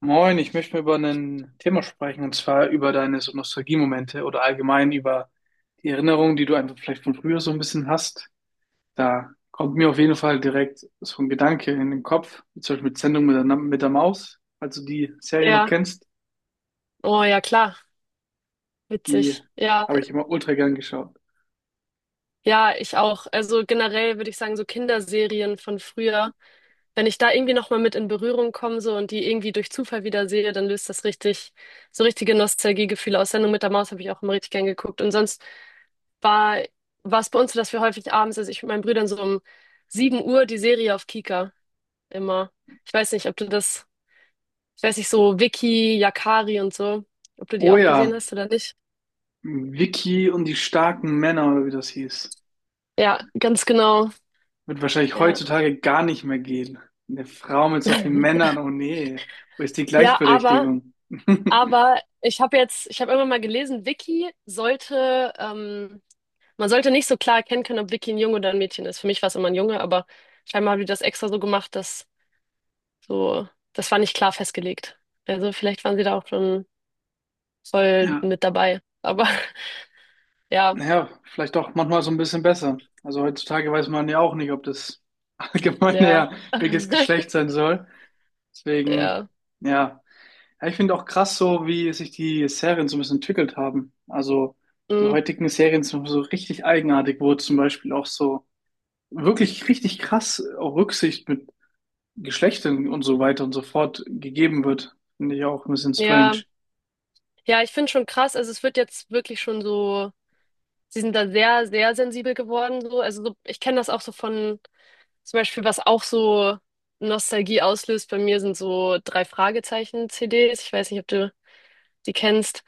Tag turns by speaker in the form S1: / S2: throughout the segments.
S1: Moin, ich möchte mal über ein Thema sprechen, und zwar über deine so Nostalgiemomente oder allgemein über die Erinnerungen, die du einfach vielleicht von früher so ein bisschen hast. Da kommt mir auf jeden Fall direkt so ein Gedanke in den Kopf, zum Beispiel mit Sendung mit der Maus, falls du die Serie noch
S2: Ja,
S1: kennst,
S2: oh ja, klar,
S1: die
S2: witzig. Ja,
S1: habe ich immer ultra gern geschaut.
S2: ja, ich auch. Also generell würde ich sagen, so Kinderserien von früher, wenn ich da irgendwie nochmal mit in Berührung komme so und die irgendwie durch Zufall wieder sehe, dann löst das richtig, so richtige Nostalgiegefühle aus. Sendung mit der Maus habe ich auch immer richtig gern geguckt. Und sonst war, war es bei uns so, dass wir häufig abends, also ich mit meinen Brüdern so um 7 Uhr die Serie auf Kika immer. Ich weiß nicht, ob du das, ich weiß nicht, so Vicky, Yakari und so, ob du die
S1: Oh
S2: auch
S1: ja,
S2: gesehen hast oder nicht.
S1: Vicky und die starken Männer, oder wie das hieß,
S2: Ja, ganz genau.
S1: wird wahrscheinlich
S2: Ja.
S1: heutzutage gar nicht mehr gehen. Eine Frau mit so vielen Männern, oh nee, wo ist die
S2: Ja, aber,
S1: Gleichberechtigung?
S2: aber ich habe immer mal gelesen, Vicky sollte, man sollte nicht so klar erkennen können, ob Vicky ein Junge oder ein Mädchen ist. Für mich war es immer ein Junge, aber scheinbar haben die das extra so gemacht, dass so, das war nicht klar festgelegt. Also vielleicht waren sie da auch schon voll
S1: Ja,
S2: mit dabei. Aber ja,
S1: ja vielleicht auch manchmal so ein bisschen besser. Also heutzutage weiß man ja auch nicht, ob das allgemeine
S2: ja,
S1: ja welches Geschlecht sein soll. Deswegen,
S2: ja,
S1: ja. Ja, ich finde auch krass, so wie sich die Serien so ein bisschen entwickelt haben. Also die
S2: mm,
S1: heutigen Serien sind so richtig eigenartig, wo zum Beispiel auch so wirklich richtig krass auch Rücksicht mit Geschlechtern und so weiter und so fort gegeben wird. Finde ich auch ein bisschen
S2: ja,
S1: strange.
S2: ja, ich finde schon krass. Also es wird jetzt wirklich schon so, sie sind da sehr, sehr sensibel geworden, so. Also so, ich kenne das auch so von. Zum Beispiel, was auch so Nostalgie auslöst bei mir, sind so drei Fragezeichen-CDs. Ich weiß nicht, ob du die kennst.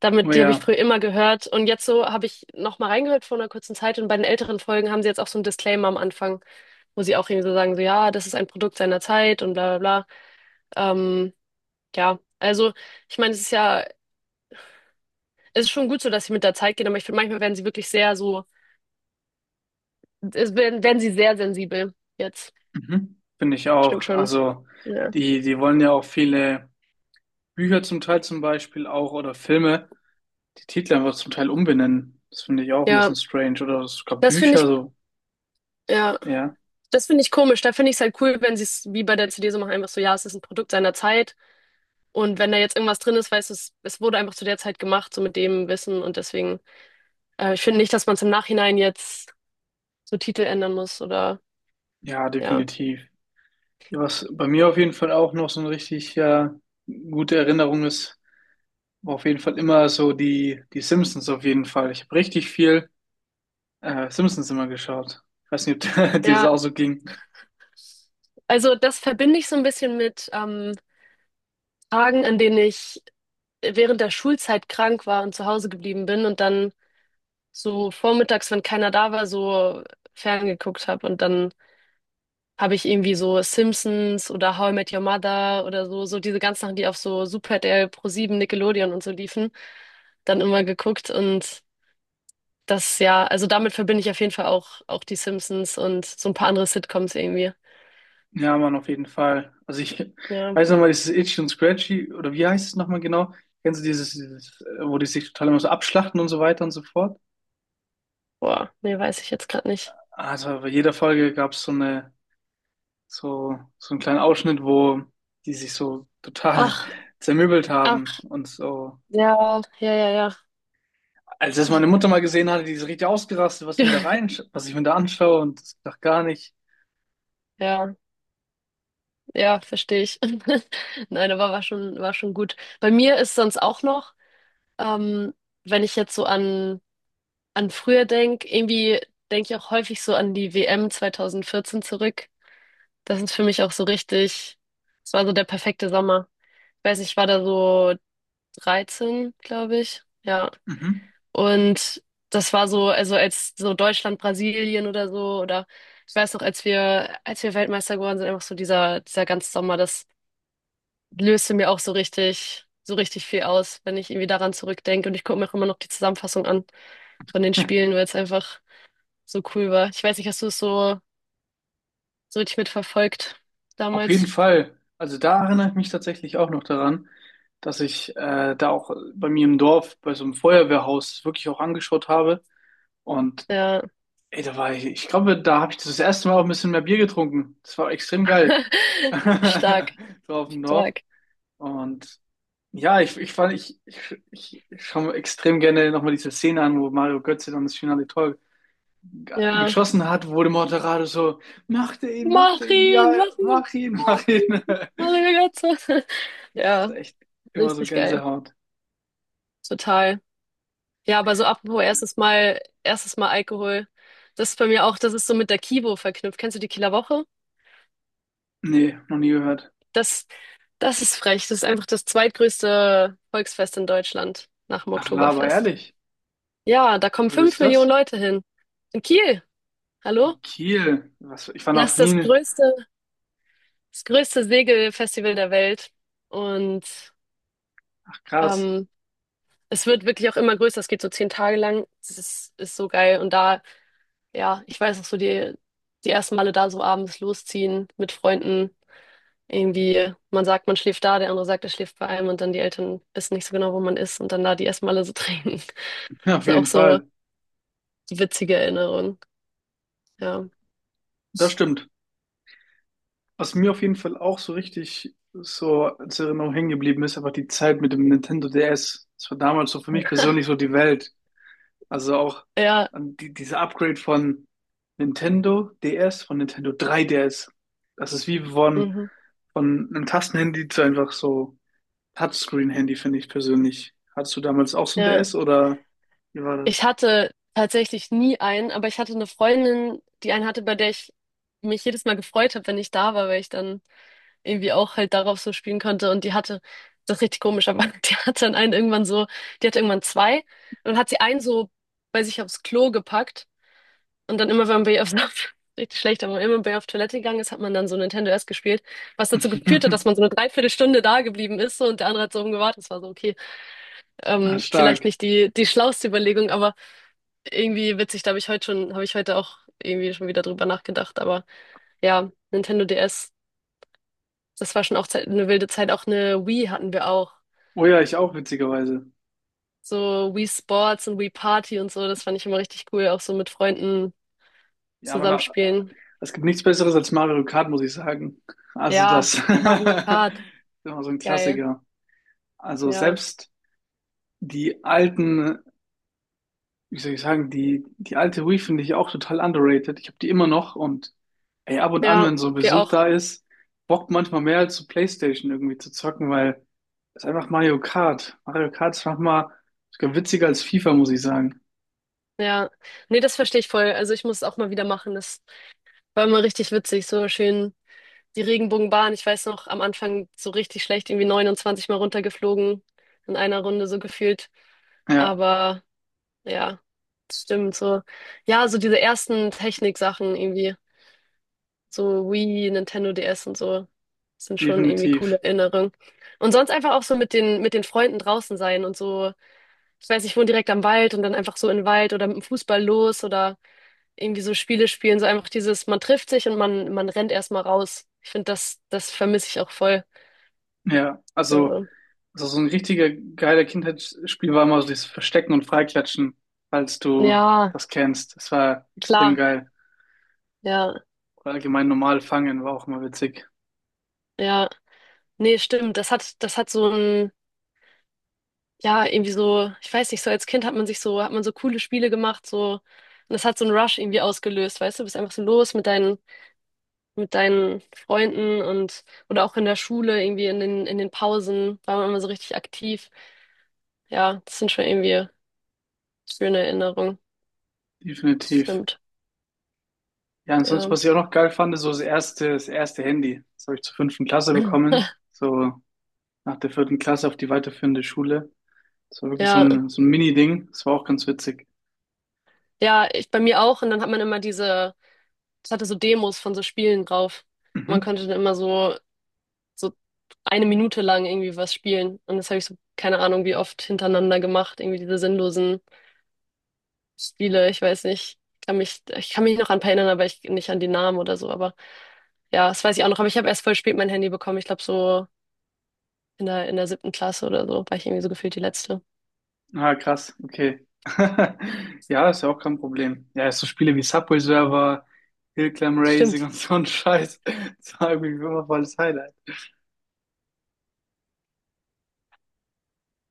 S2: Damit, die habe ich
S1: Ja,
S2: früher immer gehört. Und jetzt so habe ich noch mal reingehört vor einer kurzen Zeit. Und bei den älteren Folgen haben sie jetzt auch so einen Disclaimer am Anfang, wo sie auch irgendwie so sagen, so ja, das ist ein Produkt seiner Zeit und bla bla bla. Ja, also ich meine, es ist ja, es ist schon gut so, dass sie mit der Zeit gehen, aber ich finde, manchmal werden sie wirklich sehr so, es werden sie sehr sensibel jetzt.
S1: mhm. Finde ich
S2: Stimmt
S1: auch.
S2: schon.
S1: Also
S2: Ja.
S1: die wollen ja auch viele Bücher zum Teil zum Beispiel auch oder Filme, die Titel einfach zum Teil umbenennen. Das finde ich auch ein
S2: Ja,
S1: bisschen strange. Oder sogar
S2: das finde
S1: Bücher
S2: ich.
S1: so.
S2: Ja.
S1: Ja,
S2: Das finde ich komisch. Da finde ich es halt cool, wenn sie es wie bei der CD so machen, einfach so, ja, es ist ein Produkt seiner Zeit. Und wenn da jetzt irgendwas drin ist, weißt du, es wurde einfach zu der Zeit gemacht, so mit dem Wissen. Und deswegen, ich finde nicht, dass man es im Nachhinein jetzt so Titel ändern muss oder
S1: ja,
S2: ja.
S1: definitiv. Ja, was bei mir auf jeden Fall auch noch so eine richtig ja, gute Erinnerung ist, war auf jeden Fall immer so die Simpsons auf jeden Fall. Ich habe richtig viel Simpsons immer geschaut. Ich weiß nicht, ob dir das auch
S2: Ja,
S1: so ging.
S2: also das verbinde ich so ein bisschen mit Tagen, an denen ich während der Schulzeit krank war und zu Hause geblieben bin und dann so vormittags, wenn keiner da war, so ferngeguckt habe und dann habe ich irgendwie so Simpsons oder How I Met Your Mother oder so, so diese ganzen Sachen, die auf so Super DR, ProSieben Nickelodeon und so liefen, dann immer geguckt und das ja, also damit verbinde ich auf jeden Fall auch die Simpsons und so ein paar andere Sitcoms irgendwie.
S1: Ja, Mann, auf jeden Fall. Also ich
S2: Ja,
S1: weiß nochmal, dieses Itchy und Scratchy, oder wie heißt es nochmal genau? Kennst du dieses, wo die sich total immer so abschlachten und so weiter und so fort?
S2: boah, nee, weiß ich jetzt gerade nicht.
S1: Also bei jeder Folge gab es so einen kleinen Ausschnitt, wo die sich so total
S2: Ach,
S1: zermürbelt haben
S2: ach,
S1: und so.
S2: ja, ja, ja, ja.
S1: Als das meine Mutter mal gesehen hatte, die ist richtig ausgerastet, was ich mir da rein, was ich mir da anschaue und das dachte gar nicht.
S2: Ja, ja, verstehe ich. Nein, aber war schon gut. Bei mir ist sonst auch noch, ähm, wenn ich jetzt so an früher denk, irgendwie denke ich auch häufig so an die WM 2014 zurück. Das ist für mich auch so richtig, es war so der perfekte Sommer. Ich weiß nicht, ich war da so 13, glaube ich. Ja.
S1: Mhm.
S2: Und das war so, also als so Deutschland, Brasilien oder so, oder ich weiß noch, als wir Weltmeister geworden sind, einfach so dieser ganze Sommer, das löste mir auch so richtig viel aus, wenn ich irgendwie daran zurückdenke. Und ich gucke mir auch immer noch die Zusammenfassung an von den Spielen, weil es einfach so cool war. Ich weiß nicht, hast du es so richtig mitverfolgt
S1: Auf jeden
S2: damals?
S1: Fall. Also da erinnere ich mich tatsächlich auch noch daran, dass ich da auch bei mir im Dorf bei so einem Feuerwehrhaus wirklich auch angeschaut habe. Und
S2: Ja.
S1: ey, da war ich, ich glaube, da habe ich das erste Mal auch ein bisschen mehr Bier getrunken. Das war extrem geil.
S2: Stark,
S1: So auf dem Dorf.
S2: stark.
S1: Und ja, ich fand, ich, ich, ich ich schaue mir extrem gerne nochmal diese Szene an, wo Mario Götze dann das finale Tor
S2: Ja.
S1: geschossen hat, wo der Moderator so, macht er
S2: Mach
S1: ihn, ja,
S2: ihn, mach ihn.
S1: mach ihn, mach ihn.
S2: Mario Götze.
S1: Das ist
S2: Ja,
S1: echt immer so
S2: richtig geil.
S1: Gänsehaut.
S2: Total. Ja, aber so apropos erstes Mal Alkohol. Das ist bei mir auch, das ist so mit der Kivo verknüpft. Kennst du die Kieler Woche?
S1: Nee, noch nie gehört.
S2: Das, das ist frech. Das ist einfach das zweitgrößte Volksfest in Deutschland nach dem
S1: Ach, Laber,
S2: Oktoberfest.
S1: ehrlich.
S2: Ja, da kommen
S1: Wo
S2: fünf
S1: ist
S2: Millionen
S1: das?
S2: Leute hin. In Kiel. Hallo?
S1: In Kiel. Was, ich war
S2: Das
S1: noch
S2: ist
S1: nie
S2: das
S1: in-
S2: größte, das größte Segelfestival der Welt. Und
S1: Ach, krass.
S2: ähm, es wird wirklich auch immer größer. Es geht so 10 Tage lang. Das ist so geil. Und da, ja, ich weiß noch so, die ersten Male da so abends losziehen mit Freunden. Irgendwie, man sagt, man schläft da, der andere sagt, er schläft bei einem und dann die Eltern wissen nicht so genau, wo man ist und dann da die ersten Male so trinken.
S1: Auf
S2: Das sind auch
S1: jeden
S2: so
S1: Fall.
S2: witzige Erinnerungen. Ja.
S1: Das stimmt. Was mir auf jeden Fall auch so richtig so als Erinnerung hängen geblieben ist, einfach die Zeit mit dem Nintendo DS. Das war damals so für mich persönlich so die Welt. Also auch
S2: Ja.
S1: an die, dieser Upgrade von Nintendo DS, von Nintendo 3DS. Das ist wie
S2: Mhm.
S1: von einem Tastenhandy zu einfach so Touchscreen-Handy finde ich persönlich. Hattest du damals auch so ein
S2: Ja.
S1: DS oder wie war
S2: Ich
S1: das?
S2: hatte tatsächlich nie einen, aber ich hatte eine Freundin, die einen hatte, bei der ich mich jedes Mal gefreut habe, wenn ich da war, weil ich dann irgendwie auch halt darauf so spielen konnte. Und die hatte, das ist richtig komisch, aber die hatte dann einen irgendwann so, die hatte irgendwann zwei und dann hat sie einen so bei sich aufs Klo gepackt und dann immer, wenn man bei ihr auf, richtig schlecht, aber immer bei ihr auf Toilette gegangen ist, hat man dann so Nintendo S gespielt, was dazu geführt hat, dass man so eine Dreiviertelstunde da geblieben ist so, und der andere hat so rumgewartet. Das war so, okay,
S1: Ah,
S2: vielleicht
S1: stark.
S2: nicht die schlauste Überlegung, aber irgendwie witzig, da habe ich heute schon, habe ich heute auch irgendwie schon wieder drüber nachgedacht. Aber ja, Nintendo DS, das war schon auch Zeit, eine wilde Zeit. Auch eine Wii hatten wir auch.
S1: Oh ja, ich auch, witzigerweise.
S2: So Wii Sports und Wii Party und so, das fand ich immer richtig cool, auch so mit Freunden
S1: Ja, man, da-
S2: zusammenspielen.
S1: es gibt nichts Besseres als Mario Kart, muss ich sagen. Also
S2: Ja,
S1: das ist
S2: Mario Kart,
S1: immer so ein
S2: geil.
S1: Klassiker. Also
S2: Ja.
S1: selbst die alten, wie soll ich sagen, die alte Wii finde ich auch total underrated. Ich habe die immer noch und ey, ab und an,
S2: Ja,
S1: wenn so ein
S2: wir
S1: Besuch
S2: auch.
S1: da ist, bockt manchmal mehr als so PlayStation irgendwie zu zocken, weil das ist einfach Mario Kart. Mario Kart ist manchmal sogar witziger als FIFA, muss ich sagen.
S2: Ja. Nee, das verstehe ich voll. Also ich muss es auch mal wieder machen. Das war immer richtig witzig, so schön die Regenbogenbahn, ich weiß noch, am Anfang so richtig schlecht, irgendwie 29 Mal runtergeflogen in einer Runde so gefühlt.
S1: Ja,
S2: Aber ja, das stimmt so. Ja, so diese ersten Techniksachen irgendwie, so Wii, Nintendo DS und so, sind schon irgendwie
S1: definitiv.
S2: coole Erinnerungen. Und sonst einfach auch so mit den Freunden draußen sein und so, ich weiß, ich wohne direkt am Wald und dann einfach so in den Wald oder mit dem Fußball los oder irgendwie so Spiele spielen, so einfach dieses, man trifft sich und man rennt erstmal raus. Ich finde, das vermisse ich auch voll.
S1: Ja,
S2: Also,
S1: also so ein richtiger geiler Kindheitsspiel war immer so dieses Verstecken und Freiklatschen, falls du
S2: ja,
S1: das kennst. Das war extrem
S2: klar,
S1: geil.
S2: ja,
S1: Oder allgemein normal fangen war auch immer witzig.
S2: ja. Nee, stimmt. Das hat so ein, ja, irgendwie so, ich weiß nicht, so als Kind hat man sich so, hat man so coole Spiele gemacht, so, und das hat so einen Rush irgendwie ausgelöst, weißt du, du bist einfach so los mit deinen, Freunden und oder auch in der Schule, irgendwie in den Pausen, war man immer so richtig aktiv. Ja, das sind schon irgendwie schöne Erinnerungen.
S1: Definitiv.
S2: Stimmt.
S1: Ja, ansonsten,
S2: Ja.
S1: was ich auch noch geil fand, ist so das erste Handy. Das habe ich zur fünften Klasse bekommen. So nach der vierten Klasse auf die weiterführende Schule. Das war wirklich so
S2: Ja.
S1: so ein Mini-Ding. Das war auch ganz witzig.
S2: Ja, ich bei mir auch. Und dann hat man immer diese, es hatte so Demos von so Spielen drauf. Und man
S1: Mhm.
S2: konnte dann immer so eine Minute lang irgendwie was spielen. Und das habe ich so, keine Ahnung, wie oft hintereinander gemacht. Irgendwie diese sinnlosen Spiele. Ich weiß nicht. Ich kann mich noch an ein paar erinnern, aber ich nicht an die Namen oder so. Aber ja, das weiß ich auch noch. Aber ich habe erst voll spät mein Handy bekommen. Ich glaube so in der siebten Klasse oder so war ich irgendwie so gefühlt die letzte.
S1: Ah, krass, okay. Ja, ist ja auch kein Problem. Ja, so Spiele wie Subway Surfer, Hillclimb Racing
S2: Stimmt.
S1: und so ein Scheiß. Das war irgendwie immer voll das Highlight.